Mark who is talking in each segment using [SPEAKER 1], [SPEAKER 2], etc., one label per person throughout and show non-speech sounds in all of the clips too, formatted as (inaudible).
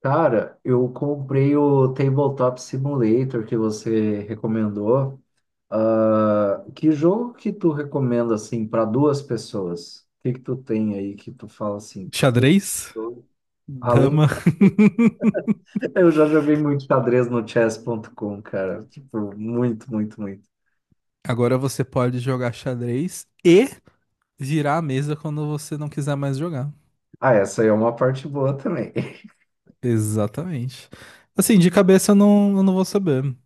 [SPEAKER 1] Cara, eu comprei o Tabletop Simulator que você recomendou. Ah, que jogo que tu recomenda assim para duas pessoas? O que que tu tem aí que tu fala assim?
[SPEAKER 2] Xadrez,
[SPEAKER 1] eu- Além,
[SPEAKER 2] dama. (laughs)
[SPEAKER 1] (laughs) eu já joguei muito xadrez no chess.com, cara. Tipo, muito, muito, muito.
[SPEAKER 2] Agora você pode jogar xadrez e virar a mesa quando você não quiser mais jogar.
[SPEAKER 1] Ah, essa aí é uma parte boa também. (laughs)
[SPEAKER 2] Exatamente. Assim, de cabeça eu não vou saber.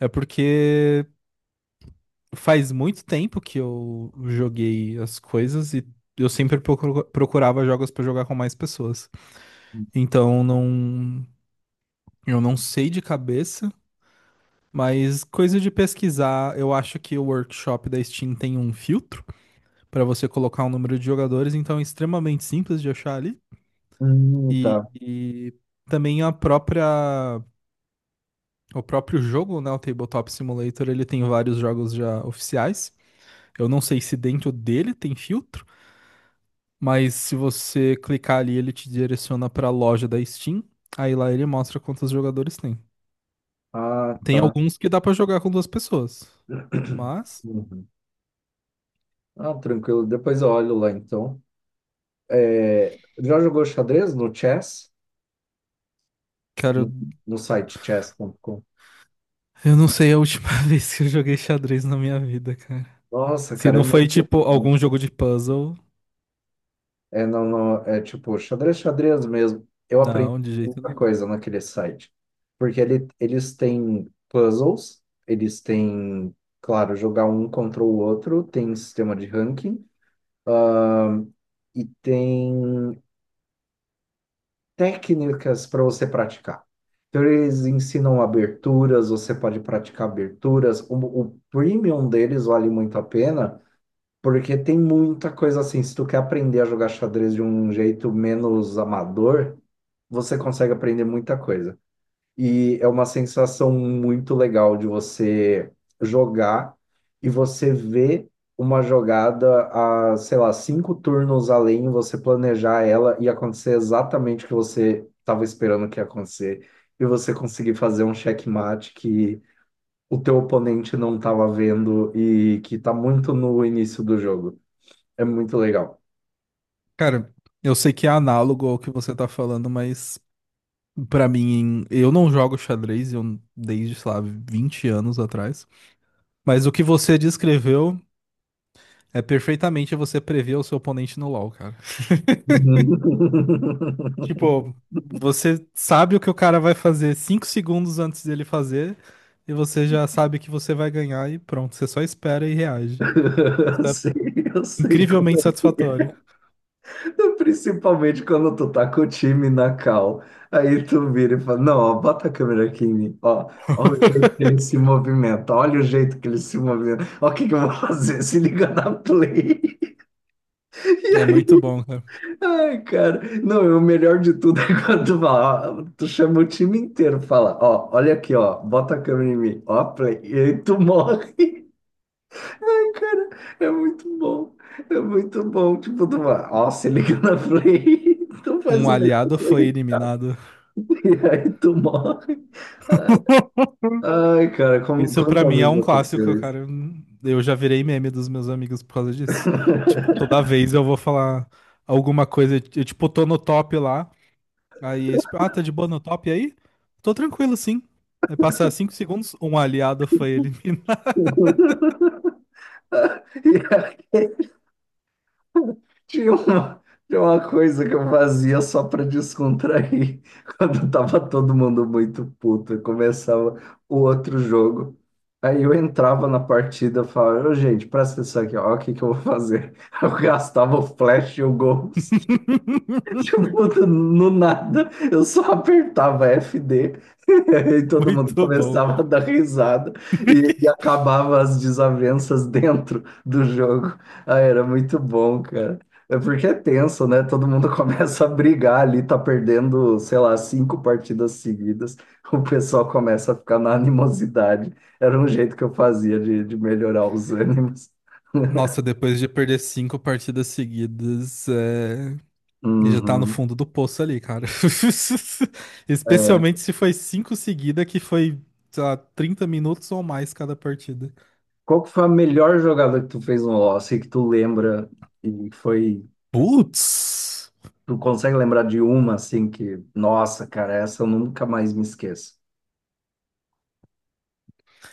[SPEAKER 2] É porque faz muito tempo que eu joguei as coisas e eu sempre procurava jogos pra jogar com mais pessoas. Então não, eu não sei de cabeça, mas coisa de pesquisar, eu acho que o workshop da Steam tem um filtro para você colocar um número de jogadores, então é extremamente simples de achar ali. E,
[SPEAKER 1] Tá.
[SPEAKER 2] e também a própria, o próprio jogo, né, o Tabletop Simulator, ele tem vários jogos já oficiais. Eu não sei se dentro dele tem filtro, mas se você clicar ali, ele te direciona para a loja da Steam. Aí lá ele mostra quantos jogadores tem.
[SPEAKER 1] Ah,
[SPEAKER 2] Tem
[SPEAKER 1] tá.
[SPEAKER 2] alguns que dá para jogar com duas pessoas.
[SPEAKER 1] (clears throat)
[SPEAKER 2] Mas,
[SPEAKER 1] Uhum. Ah, tranquilo. Depois eu olho lá então. É, já jogou xadrez no chess?
[SPEAKER 2] cara,
[SPEAKER 1] no, no site chess.com.
[SPEAKER 2] eu não sei a última (laughs) vez que eu joguei xadrez na minha vida, cara.
[SPEAKER 1] Nossa,
[SPEAKER 2] Se
[SPEAKER 1] cara, é
[SPEAKER 2] não foi
[SPEAKER 1] muito
[SPEAKER 2] tipo
[SPEAKER 1] bom.
[SPEAKER 2] algum jogo de puzzle.
[SPEAKER 1] É, não, não, é tipo xadrez, xadrez mesmo. Eu aprendi
[SPEAKER 2] Não, de jeito
[SPEAKER 1] muita
[SPEAKER 2] nenhum.
[SPEAKER 1] coisa naquele site. Porque ele, eles têm puzzles, eles têm, claro, jogar um contra o outro, tem sistema de ranking, ahn, e tem técnicas para você praticar. Então, eles ensinam aberturas, você pode praticar aberturas. O premium deles vale muito a pena. Porque tem muita coisa assim. Se tu quer aprender a jogar xadrez de um jeito menos amador, você consegue aprender muita coisa. E é uma sensação muito legal de você jogar e você ver uma jogada a, sei lá, cinco turnos além, você planejar ela e acontecer exatamente o que você estava esperando que ia acontecer. E você conseguir fazer um checkmate que o teu oponente não estava vendo e que está muito no início do jogo. É muito legal.
[SPEAKER 2] Cara, eu sei que é análogo ao que você tá falando, mas pra mim, eu não jogo xadrez, eu desde, sei lá, 20 anos atrás. Mas o que você descreveu é perfeitamente você prever o seu oponente no LoL, cara.
[SPEAKER 1] (laughs)
[SPEAKER 2] Tipo, você sabe o que o cara vai fazer 5 segundos antes dele fazer, e você já sabe que você vai ganhar e pronto, você só espera e reage. Isso é
[SPEAKER 1] Sim, eu sei como
[SPEAKER 2] incrivelmente
[SPEAKER 1] é.
[SPEAKER 2] satisfatório.
[SPEAKER 1] Então, principalmente quando tu tá com o time na cal. Aí tu vira e fala: Não, ó, bota a câmera aqui em mim. Ó, olha o jeito que ele se movimenta. Olha o jeito que ele se movimenta. Ó, o que que eu vou fazer? Se liga na play. (laughs) E
[SPEAKER 2] É
[SPEAKER 1] aí,
[SPEAKER 2] muito bom, cara.
[SPEAKER 1] ai, cara. Não, e o melhor de tudo é quando tu fala: ó, tu chama o time inteiro, fala: Ó, olha aqui, ó, bota a câmera em mim. Ó, a play. E aí tu (laughs) morre. Cara, é muito bom. É muito bom. Tipo, tu vai, ó, se liga na Play, (laughs) tu faz
[SPEAKER 2] Um
[SPEAKER 1] um
[SPEAKER 2] aliado
[SPEAKER 1] negócio
[SPEAKER 2] foi
[SPEAKER 1] aí,
[SPEAKER 2] eliminado.
[SPEAKER 1] (laughs) e aí tu morre. Ai,
[SPEAKER 2] (laughs)
[SPEAKER 1] ai, cara, como,
[SPEAKER 2] Isso pra
[SPEAKER 1] quantas
[SPEAKER 2] mim é
[SPEAKER 1] vezes
[SPEAKER 2] um clássico,
[SPEAKER 1] aconteceu isso?
[SPEAKER 2] cara. Eu já virei meme dos meus amigos por causa disso. Tipo, toda
[SPEAKER 1] (laughs)
[SPEAKER 2] vez eu vou falar alguma coisa, eu tipo, tô no top lá, aí eles, ah, tá de boa no top aí? Tô tranquilo, sim. Aí passa 5 segundos, um aliado foi eliminado.
[SPEAKER 1] E aí, (laughs) Tinha uma, tinha uma coisa que eu fazia só para descontrair (laughs) quando tava todo mundo muito puto. Eu começava o outro jogo. Aí eu entrava na partida e falava, "Ô, gente, presta atenção aqui, ó, o que que eu vou fazer?" (laughs) Eu gastava o flash e o ghost. (laughs)
[SPEAKER 2] (laughs)
[SPEAKER 1] Tipo, no nada, eu só apertava F D. (laughs) E aí todo mundo
[SPEAKER 2] Muito bom.
[SPEAKER 1] começava a dar risada e acabava as desavenças (laughs) dentro do jogo. Ah, era muito bom, cara. É porque é tenso, né? Todo mundo (laughs) começa a brigar ali, tá perdendo, sei lá, cinco partidas seguidas. O pessoal começa a ficar na animosidade. Era um jeito que eu fazia de melhorar os ânimos. (laughs)
[SPEAKER 2] Nossa, depois de perder cinco partidas seguidas, é. E já tá no
[SPEAKER 1] Uhum,
[SPEAKER 2] fundo do poço ali, cara. (laughs)
[SPEAKER 1] é.
[SPEAKER 2] Especialmente se foi cinco seguida, que foi, sei lá, 30 minutos ou mais cada partida.
[SPEAKER 1] Qual que foi a melhor jogada que tu fez no LoL? Assim, que tu lembra e foi.
[SPEAKER 2] Putz!
[SPEAKER 1] Tu consegue lembrar de uma assim que, nossa, cara, essa eu nunca mais me esqueço.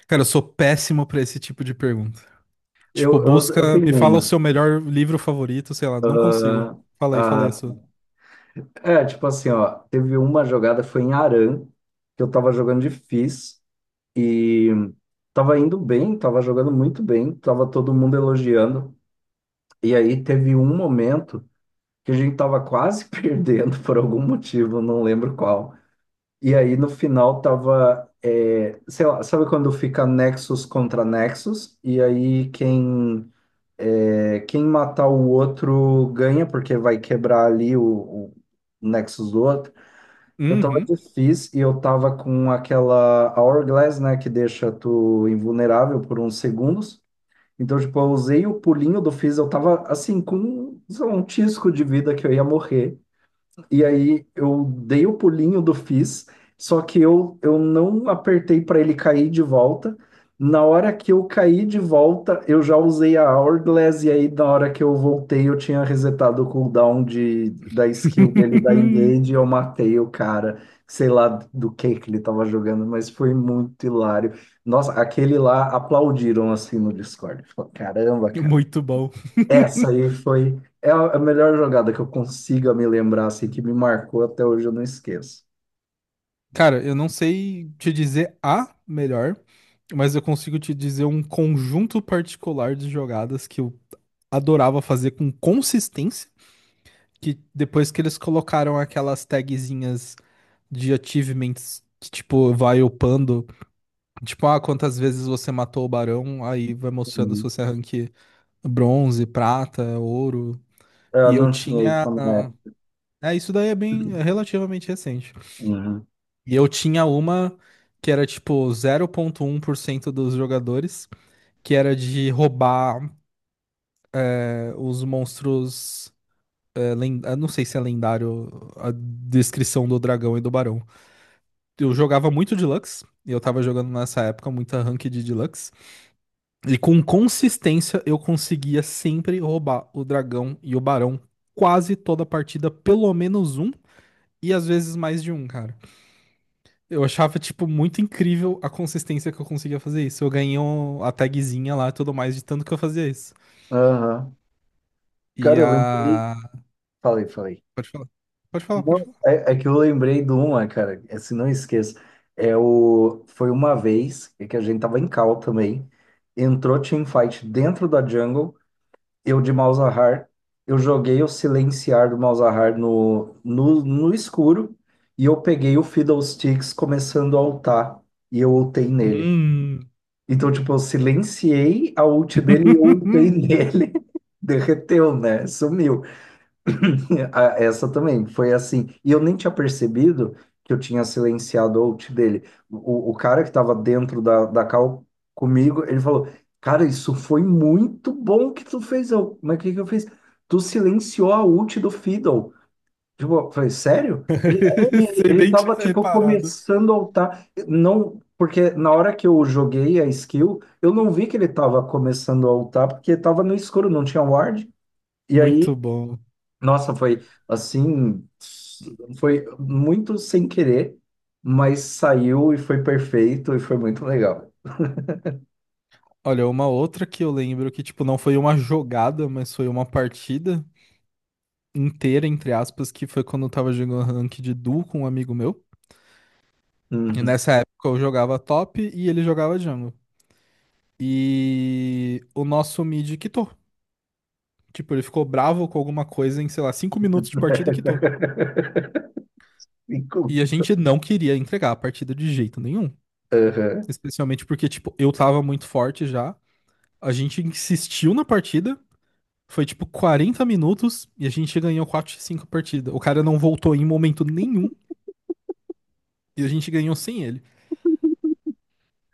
[SPEAKER 2] Cara, eu sou péssimo pra esse tipo de pergunta. Tipo,
[SPEAKER 1] Eu
[SPEAKER 2] busca,
[SPEAKER 1] tenho
[SPEAKER 2] me fala o
[SPEAKER 1] uma.
[SPEAKER 2] seu melhor livro favorito, sei lá, não consigo.
[SPEAKER 1] Ah,
[SPEAKER 2] Fala aí a sua.
[SPEAKER 1] ah, é, tipo assim, ó, teve uma jogada, foi em Aran, que eu tava jogando de Fizz e tava indo bem, tava jogando muito bem, tava todo mundo elogiando. E aí teve um momento que a gente tava quase (laughs) perdendo por algum motivo, não lembro qual. E aí no final tava, é, sei lá, sabe quando fica Nexus contra Nexus? E aí quem, é, quem matar o outro ganha, porque vai quebrar ali o Nexus do outro. Eu tava de
[SPEAKER 2] Uhum.
[SPEAKER 1] Fizz e eu tava com aquela Hourglass, né, que deixa tu invulnerável por uns segundos. Então, tipo, eu usei o pulinho do Fizz, eu tava assim, com sei lá, um tisco de vida que eu ia morrer. E aí eu dei o pulinho do Fizz, só que eu não apertei para ele cair de volta. Na hora que eu caí de volta, eu já usei a Hourglass, e aí na hora que eu voltei, eu tinha resetado o cooldown da skill dele da
[SPEAKER 2] (laughs)
[SPEAKER 1] Engage, e eu matei o cara, sei lá do que ele tava jogando, mas foi muito hilário. Nossa, aquele lá aplaudiram assim no Discord. Falou, caramba, cara.
[SPEAKER 2] Muito bom.
[SPEAKER 1] Essa aí foi é a melhor jogada que eu consiga me lembrar, assim, que me marcou até hoje, eu não esqueço.
[SPEAKER 2] Cara, eu não sei te dizer a melhor, mas eu consigo te dizer um conjunto particular de jogadas que eu adorava fazer com consistência, que depois que eles colocaram aquelas tagzinhas de achievements que, tipo, vai upando, tipo, ah, quantas vezes você matou o barão, aí vai mostrando se
[SPEAKER 1] Uhum.
[SPEAKER 2] você é rank bronze, prata, ouro.
[SPEAKER 1] Eu
[SPEAKER 2] E eu
[SPEAKER 1] não tinha isso
[SPEAKER 2] tinha.
[SPEAKER 1] na minha época.
[SPEAKER 2] É, isso daí é bem relativamente recente.
[SPEAKER 1] Uhum.
[SPEAKER 2] E eu tinha uma que era tipo 0,1% dos jogadores, que era de roubar os monstros, eu não sei se é lendário a descrição do dragão e do barão. Eu jogava muito Deluxe, e eu tava jogando nessa época muita Ranked de Deluxe, e com consistência eu conseguia sempre roubar o dragão e o barão quase toda a partida, pelo menos um, e às vezes mais de um, cara. Eu achava, tipo, muito incrível a consistência que eu conseguia fazer isso. Eu ganhei a tagzinha lá e tudo mais de tanto que eu fazia isso.
[SPEAKER 1] Aham. Cara,
[SPEAKER 2] E
[SPEAKER 1] eu lembrei.
[SPEAKER 2] a...
[SPEAKER 1] Falei, falei.
[SPEAKER 2] Pode falar.
[SPEAKER 1] Não,
[SPEAKER 2] Pode falar.
[SPEAKER 1] é, é que eu lembrei de uma, cara, é, se não esqueço. É o... Foi uma vez que a gente tava em cal também. Entrou teamfight dentro da jungle. Eu de Malzahar, eu joguei o Silenciar do Malzahar no escuro e eu peguei o Fiddlesticks começando a ultar e eu ultei nele.
[SPEAKER 2] Hum.
[SPEAKER 1] Então, tipo, eu silenciei a ult dele e eu ultei (laughs)
[SPEAKER 2] (laughs)
[SPEAKER 1] nele. Derreteu, né? Sumiu. (clears throat) (laughs) Ah, essa também foi assim. E eu nem tinha percebido que eu tinha silenciado o out dele. O cara que estava dentro da call comigo, ele falou: Cara, isso foi muito bom que tu fez. Eu, mas o que que eu fiz? Tu silenciou a ult do Fiddle. Tipo, eu falei: Sério? Ele,
[SPEAKER 2] (laughs)
[SPEAKER 1] ele,
[SPEAKER 2] Sem
[SPEAKER 1] ele
[SPEAKER 2] nem ter
[SPEAKER 1] tava, tipo,
[SPEAKER 2] reparado.
[SPEAKER 1] começando a ultar. Não, porque na hora que eu joguei a skill, eu não vi que ele tava começando a ultar, porque tava no escuro, não tinha ward. E aí
[SPEAKER 2] Muito bom.
[SPEAKER 1] nossa, foi assim, foi muito sem querer, mas saiu e foi perfeito e foi muito legal.
[SPEAKER 2] Olha, uma outra que eu lembro que, tipo, não foi uma jogada, mas foi uma partida inteira, entre aspas, que foi quando eu tava jogando rank de duo com um amigo meu. E
[SPEAKER 1] Uhum.
[SPEAKER 2] nessa época eu jogava top e ele jogava jungle. E o nosso mid quitou. Tipo, ele ficou bravo com alguma coisa em, sei lá, 5 minutos de partida e quitou.
[SPEAKER 1] (laughs) Ficou-
[SPEAKER 2] E a gente não queria entregar a partida de jeito nenhum.
[SPEAKER 1] Aham.
[SPEAKER 2] Especialmente porque, tipo, eu tava muito forte já. A gente insistiu na partida. Foi tipo 40 minutos e a gente ganhou quatro x 5 partida. O cara não voltou em momento nenhum e a gente ganhou sem ele.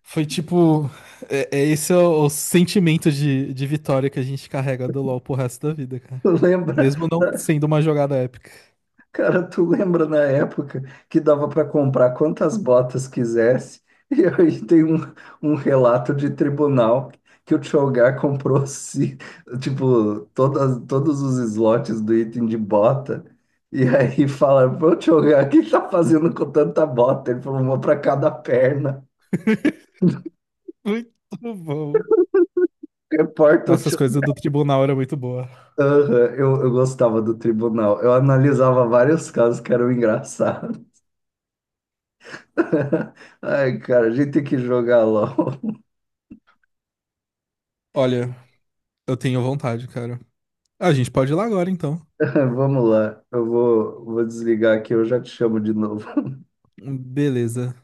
[SPEAKER 2] Foi tipo. É, é esse é o sentimento de vitória que a gente carrega do LoL pro resto da vida, cara.
[SPEAKER 1] Lembra?
[SPEAKER 2] Mesmo não sendo uma jogada épica.
[SPEAKER 1] Cara, tu lembra na época que dava para comprar quantas botas quisesse? (laughs) E aí tem um, um relato de tribunal que o Tchogar comprou, se, tipo, todas, todos os slots do item de bota. E aí fala, ô Tchogar, o que tá fazendo com tanta bota? Ele falou, uma para cada perna.
[SPEAKER 2] Muito bom.
[SPEAKER 1] (laughs) Reporta o
[SPEAKER 2] Nossa, as
[SPEAKER 1] Tchogar.
[SPEAKER 2] coisas do tribunal eram muito boa.
[SPEAKER 1] Aham, eu gostava do tribunal. Eu analisava vários casos que eram engraçados. (laughs) Ai, cara, a gente tem que jogar LOL.
[SPEAKER 2] Olha, eu tenho vontade, cara. Ah, a gente pode ir lá agora, então.
[SPEAKER 1] (laughs) Vamos lá, eu vou, vou desligar aqui, eu já te chamo de novo. (laughs)
[SPEAKER 2] Beleza.